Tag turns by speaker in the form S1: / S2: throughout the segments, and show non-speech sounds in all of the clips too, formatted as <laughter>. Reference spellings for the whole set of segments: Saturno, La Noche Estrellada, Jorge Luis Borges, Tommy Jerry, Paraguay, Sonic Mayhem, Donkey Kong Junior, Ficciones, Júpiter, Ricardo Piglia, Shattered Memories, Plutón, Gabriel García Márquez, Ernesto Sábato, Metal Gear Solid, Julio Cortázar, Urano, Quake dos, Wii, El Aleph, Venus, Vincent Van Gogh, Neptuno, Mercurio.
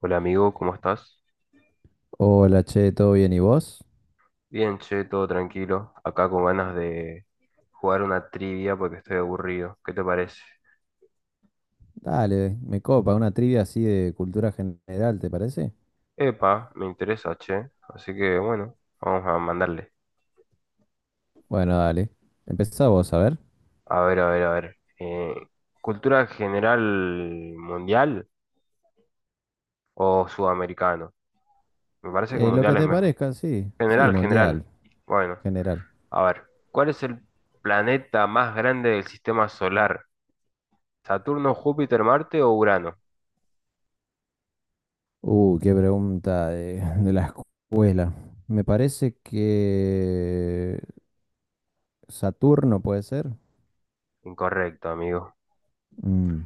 S1: Hola amigo, ¿cómo estás?
S2: Hola, che, ¿todo bien? ¿Y vos?
S1: Bien, che, todo tranquilo. Acá con ganas de jugar una trivia porque estoy aburrido. ¿Qué te parece?
S2: Dale, me copa, una trivia así de cultura general, ¿te parece?
S1: Epa, me interesa, che. Así que bueno, vamos a mandarle.
S2: Bueno, dale. Empezá vos, a ver.
S1: A ver, a ver, a ver. ¿Cultura general mundial o sudamericano? Me parece que
S2: Lo que
S1: mundial es
S2: te
S1: mejor.
S2: parezca, sí. Sí,
S1: General, general.
S2: mundial,
S1: Bueno,
S2: general.
S1: a ver. ¿Cuál es el planeta más grande del sistema solar? ¿Saturno, Júpiter, Marte o Urano?
S2: Qué pregunta de, <laughs> de la escuela. Me parece que Saturno puede ser.
S1: Incorrecto, amigo.
S2: Mm,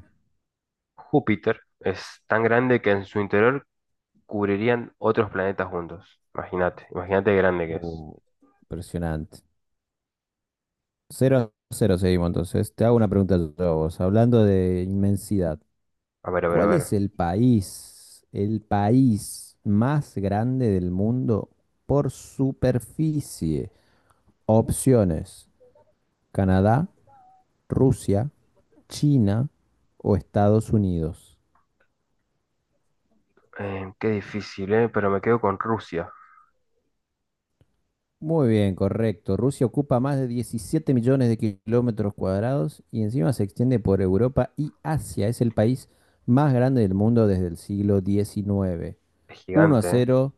S1: Júpiter es tan grande que en su interior cubrirían otros planetas juntos. Imagínate, imagínate de grande que es.
S2: uh, impresionante. Cero a 0 seguimos entonces. Te hago una pregunta yo a vos, hablando de inmensidad.
S1: A ver, a ver, a
S2: ¿Cuál
S1: ver.
S2: es el país más grande del mundo por superficie? Opciones: Canadá, Rusia, China o Estados Unidos.
S1: Qué difícil, ¿eh? Pero me quedo con Rusia.
S2: Muy bien, correcto. Rusia ocupa más de 17 millones de kilómetros cuadrados y encima se extiende por Europa y Asia. Es el país más grande del mundo desde el siglo XIX.
S1: Es
S2: Uno a
S1: gigante, ¿eh?
S2: cero,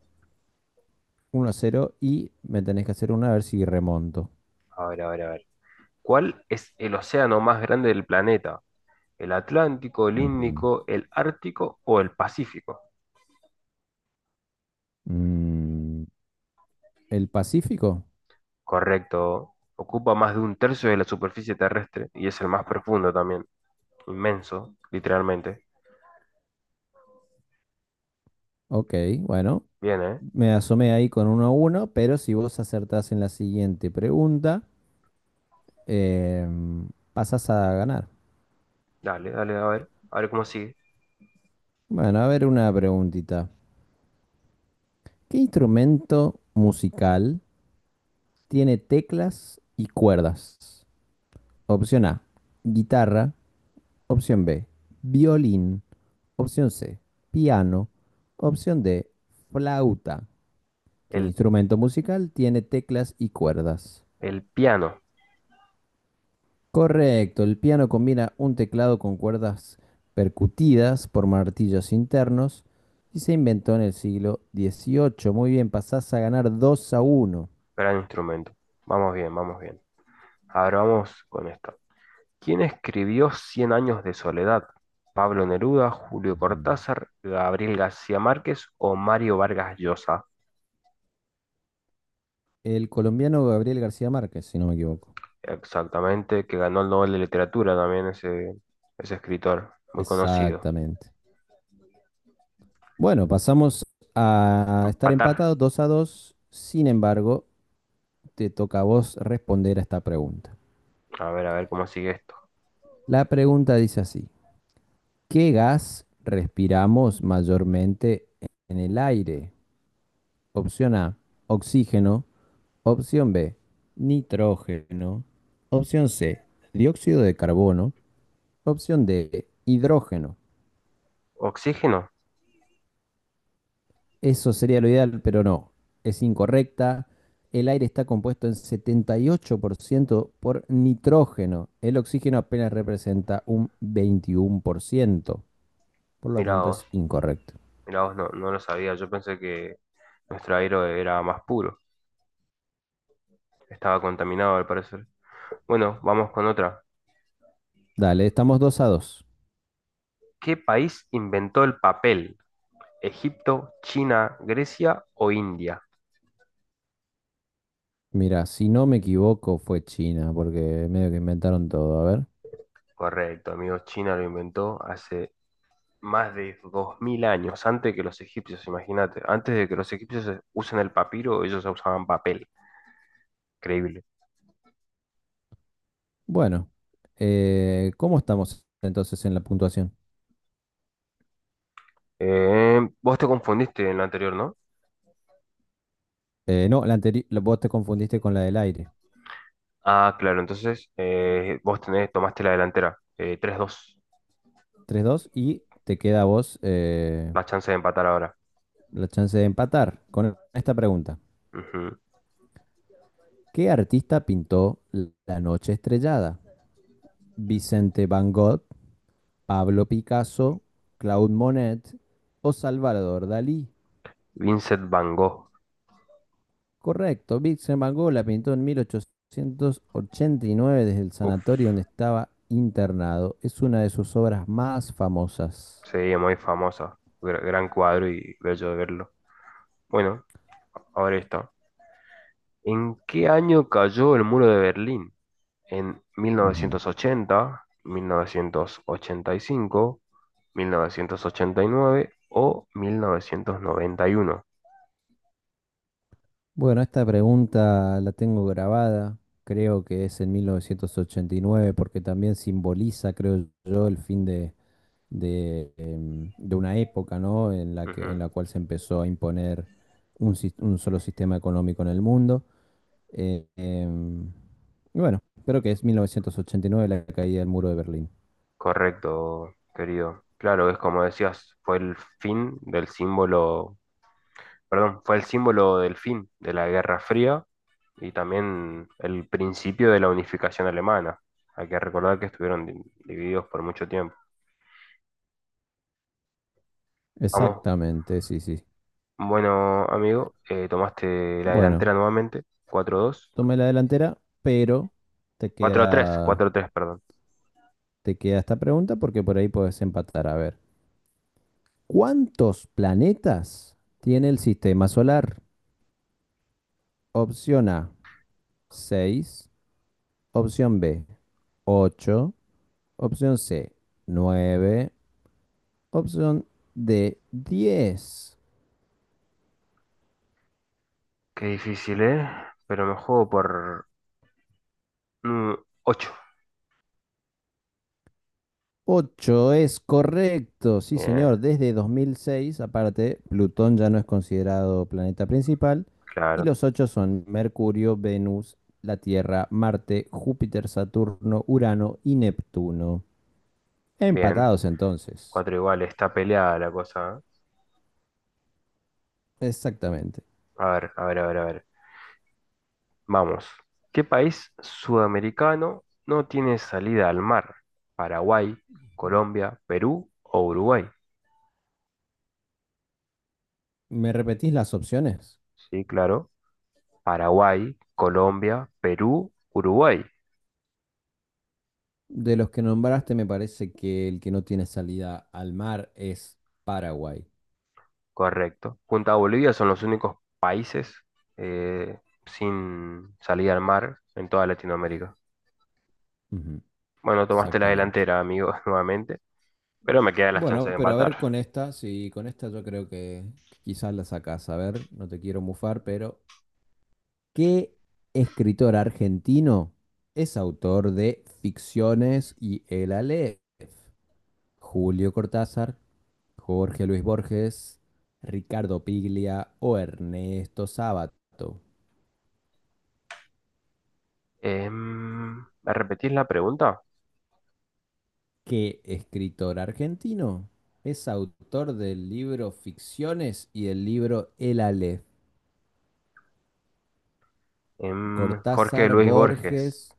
S2: 1-0 y me tenés que hacer una a ver si remonto.
S1: A ver, a ver, a ver. ¿Cuál es el océano más grande del planeta? ¿El Atlántico, el
S2: Ujú.
S1: Índico, el Ártico o el Pacífico?
S2: Mm, ¿el Pacífico?
S1: Correcto. Ocupa más de un tercio de la superficie terrestre y es el más profundo también. Inmenso, literalmente.
S2: Ok, bueno,
S1: Bien, ¿eh?
S2: me asomé ahí con 1-1, pero si vos acertás en la siguiente pregunta, pasás a ganar.
S1: Dale, dale, a ver. A ver cómo sigue.
S2: Bueno, a ver una preguntita. ¿Qué instrumento musical tiene teclas y cuerdas? Opción A, guitarra. Opción B, violín. Opción C, piano. Opción D, flauta. ¿Qué
S1: El
S2: instrumento musical tiene teclas y cuerdas?
S1: El piano,
S2: Correcto, el piano combina un teclado con cuerdas percutidas por martillos internos y se inventó en el siglo XVIII. Muy bien, pasás a ganar 2-1.
S1: gran instrumento. Vamos bien, vamos bien. Ahora vamos con esto. ¿Quién escribió Cien años de soledad? ¿Pablo Neruda, Julio
S2: Ujú.
S1: Cortázar, Gabriel García Márquez o Mario Vargas Llosa?
S2: El colombiano Gabriel García Márquez, si no me equivoco.
S1: Exactamente, que ganó el Nobel de Literatura también ese escritor, muy conocido.
S2: Exactamente. Bueno, pasamos a estar
S1: Empatar.
S2: empatados 2-2. Sin embargo, te toca a vos responder a esta pregunta.
S1: A ver cómo sigue esto.
S2: La pregunta dice así: ¿Qué gas respiramos mayormente en el aire? Opción A, oxígeno. Opción B, nitrógeno. Opción C, dióxido de carbono. Opción D, hidrógeno.
S1: ¿Oxígeno?
S2: Eso sería lo ideal, pero no. Es incorrecta. El aire está compuesto en 78% por ciento por nitrógeno. El oxígeno apenas representa un 21% por ciento, por lo
S1: Mirá
S2: tanto,
S1: vos,
S2: es incorrecto.
S1: mirá vos, no, no lo sabía. Yo pensé que nuestro aire era más puro. Estaba contaminado al parecer. Bueno, vamos con otra.
S2: Dale, estamos 2-2.
S1: ¿Qué país inventó el papel? ¿Egipto, China, Grecia o India?
S2: Mira, si no me equivoco, fue China, porque medio que inventaron todo. A ver.
S1: Correcto, amigos, China lo inventó hace más de 2000 años, antes que los egipcios, imagínate. Antes de que los egipcios usen el papiro, ellos usaban papel. Increíble.
S2: Bueno, ¿cómo estamos entonces en la puntuación?
S1: Vos te confundiste en lo anterior, ¿no?
S2: No, vos te confundiste con la del aire.
S1: Ah, claro, entonces vos tenés, tomaste la delantera. 3-2,
S2: 3-2 y te queda a vos
S1: la chance de empatar ahora.
S2: la chance de empatar con esta pregunta.
S1: Ujú.
S2: ¿Qué artista pintó La Noche Estrellada? ¿Vicente Van Gogh, Pablo Picasso, Claude Monet o Salvador Dalí?
S1: Vincent Van Gogh.
S2: Correcto, Vincent Van Gogh la pintó en 1889 desde el
S1: Uf,
S2: sanatorio donde estaba internado. Es una de sus obras más famosas.
S1: sí, muy famoso. Gran cuadro y bello de verlo. Bueno, ahora está. ¿En qué año cayó el muro de Berlín? ¿En
S2: Ujú.
S1: 1980, 1985, 1989 o 1991?
S2: Bueno, esta pregunta la tengo grabada, creo que es en 1989, porque también simboliza, creo yo, el fin de una época, ¿no? En la que, en
S1: Ujú.
S2: la cual se empezó a imponer un solo sistema económico en el mundo. Eh, em, Y bueno, creo que es 1989 la caída del muro de Berlín.
S1: Correcto, querido. Claro, es como decías, fue el fin del símbolo, perdón, fue el símbolo del fin de la Guerra Fría y también el principio de la unificación alemana. Hay que recordar que estuvieron divididos por mucho tiempo. Vamos.
S2: Exactamente, sí, sí.
S1: Bueno, amigo, tomaste la
S2: Bueno,
S1: delantera nuevamente. Cuatro dos,
S2: tomé la delantera, pero te
S1: cuatro tres,
S2: queda,
S1: cuatro tres, perdón.
S2: te queda esta pregunta porque por ahí puedes empatar. A ver, ¿cuántos planetas tiene el sistema solar? Opción A, 6. Opción B, 8. Opción C, 9. Opción D, 10.
S1: Qué difícil, ¿eh? Pero me juego por mm, 8.
S2: 8 es correcto, sí
S1: Bien,
S2: señor. Desde 2006, aparte, Plutón ya no es considerado planeta principal y
S1: claro.
S2: los ocho son Mercurio, Venus, la Tierra, Marte, Júpiter, Saturno, Urano y Neptuno.
S1: Bien.
S2: Empatados entonces.
S1: Cuatro iguales. Está peleada la cosa, ¿eh?
S2: Exactamente.
S1: A ver, a ver, a ver, a ver. Vamos. ¿Qué país sudamericano no tiene salida al mar? ¿Paraguay, Colombia, Perú o Uruguay?
S2: ¿Me repetís las opciones?
S1: Sí, claro. Paraguay, Colombia, Perú, Uruguay.
S2: De los que nombraste, me parece que el que no tiene salida al mar es Paraguay.
S1: Correcto. Junto a Bolivia son los únicos países eh, sin salida al mar en toda Latinoamérica.
S2: Ujú.
S1: Bueno, tomaste la
S2: Exactamente.
S1: delantera, amigo, <laughs> nuevamente, pero me quedan las chances
S2: Bueno,
S1: de
S2: pero a ver
S1: empatar.
S2: con esta, sí, con esta yo creo que quizás la sacás. A ver, no te quiero mufar, pero ¿qué escritor argentino es autor de Ficciones y El Aleph? Julio Cortázar, Jorge Luis Borges, Ricardo Piglia o Ernesto Sábato.
S1: Em, ¿Me repetís la pregunta?
S2: ¿Qué escritor argentino es autor del libro Ficciones y del libro El Aleph?
S1: Jorge
S2: Cortázar,
S1: Luis Borges,
S2: Borges.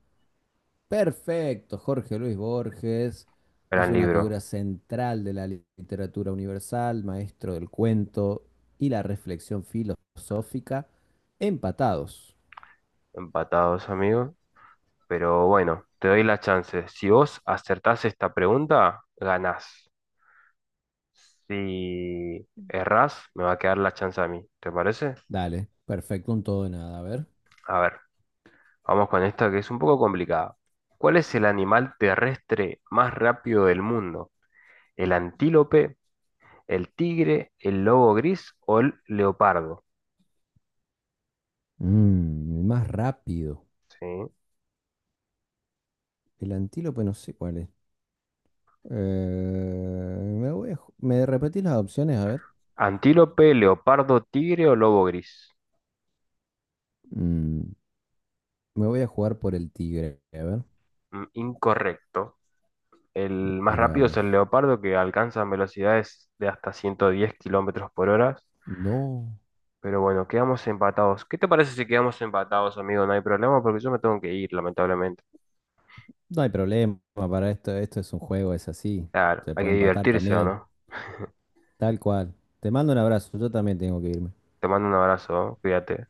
S2: Perfecto, Jorge Luis Borges es
S1: gran
S2: una
S1: libro.
S2: figura central de la literatura universal, maestro del cuento y la reflexión filosófica. Empatados.
S1: Empatados, amigo. Pero bueno, te doy la chance. Si vos acertás esta pregunta, ganás. Si errás, me va a quedar la chance a mí. ¿Te parece?
S2: Dale, perfecto, un todo de nada, a ver.
S1: A ver. Vamos con esta que es un poco complicada. ¿Cuál es el animal terrestre más rápido del mundo? ¿El antílope, el tigre, el lobo gris o el leopardo?
S2: El más rápido.
S1: ¿Sí?
S2: El antílope no sé cuál es. Me repetís las opciones, a ver.
S1: Antílope, leopardo, tigre o lobo gris.
S2: Mm, me voy a jugar por el tigre, a ver.
S1: Mm, incorrecto. El más
S2: Mira
S1: rápido es el
S2: vos.
S1: leopardo que alcanza velocidades de hasta 110 kilómetros por hora.
S2: No.
S1: Pero bueno, quedamos empatados. ¿Qué te parece si quedamos empatados, amigo? No hay problema porque yo me tengo que ir, lamentablemente.
S2: No hay problema para esto, esto es un juego, es así.
S1: Claro,
S2: Se
S1: hay
S2: puede
S1: que
S2: empatar
S1: divertirse, ¿o
S2: también,
S1: no?
S2: tal cual. Te mando un abrazo, yo también tengo que irme.
S1: Te mando un abrazo, cuídate.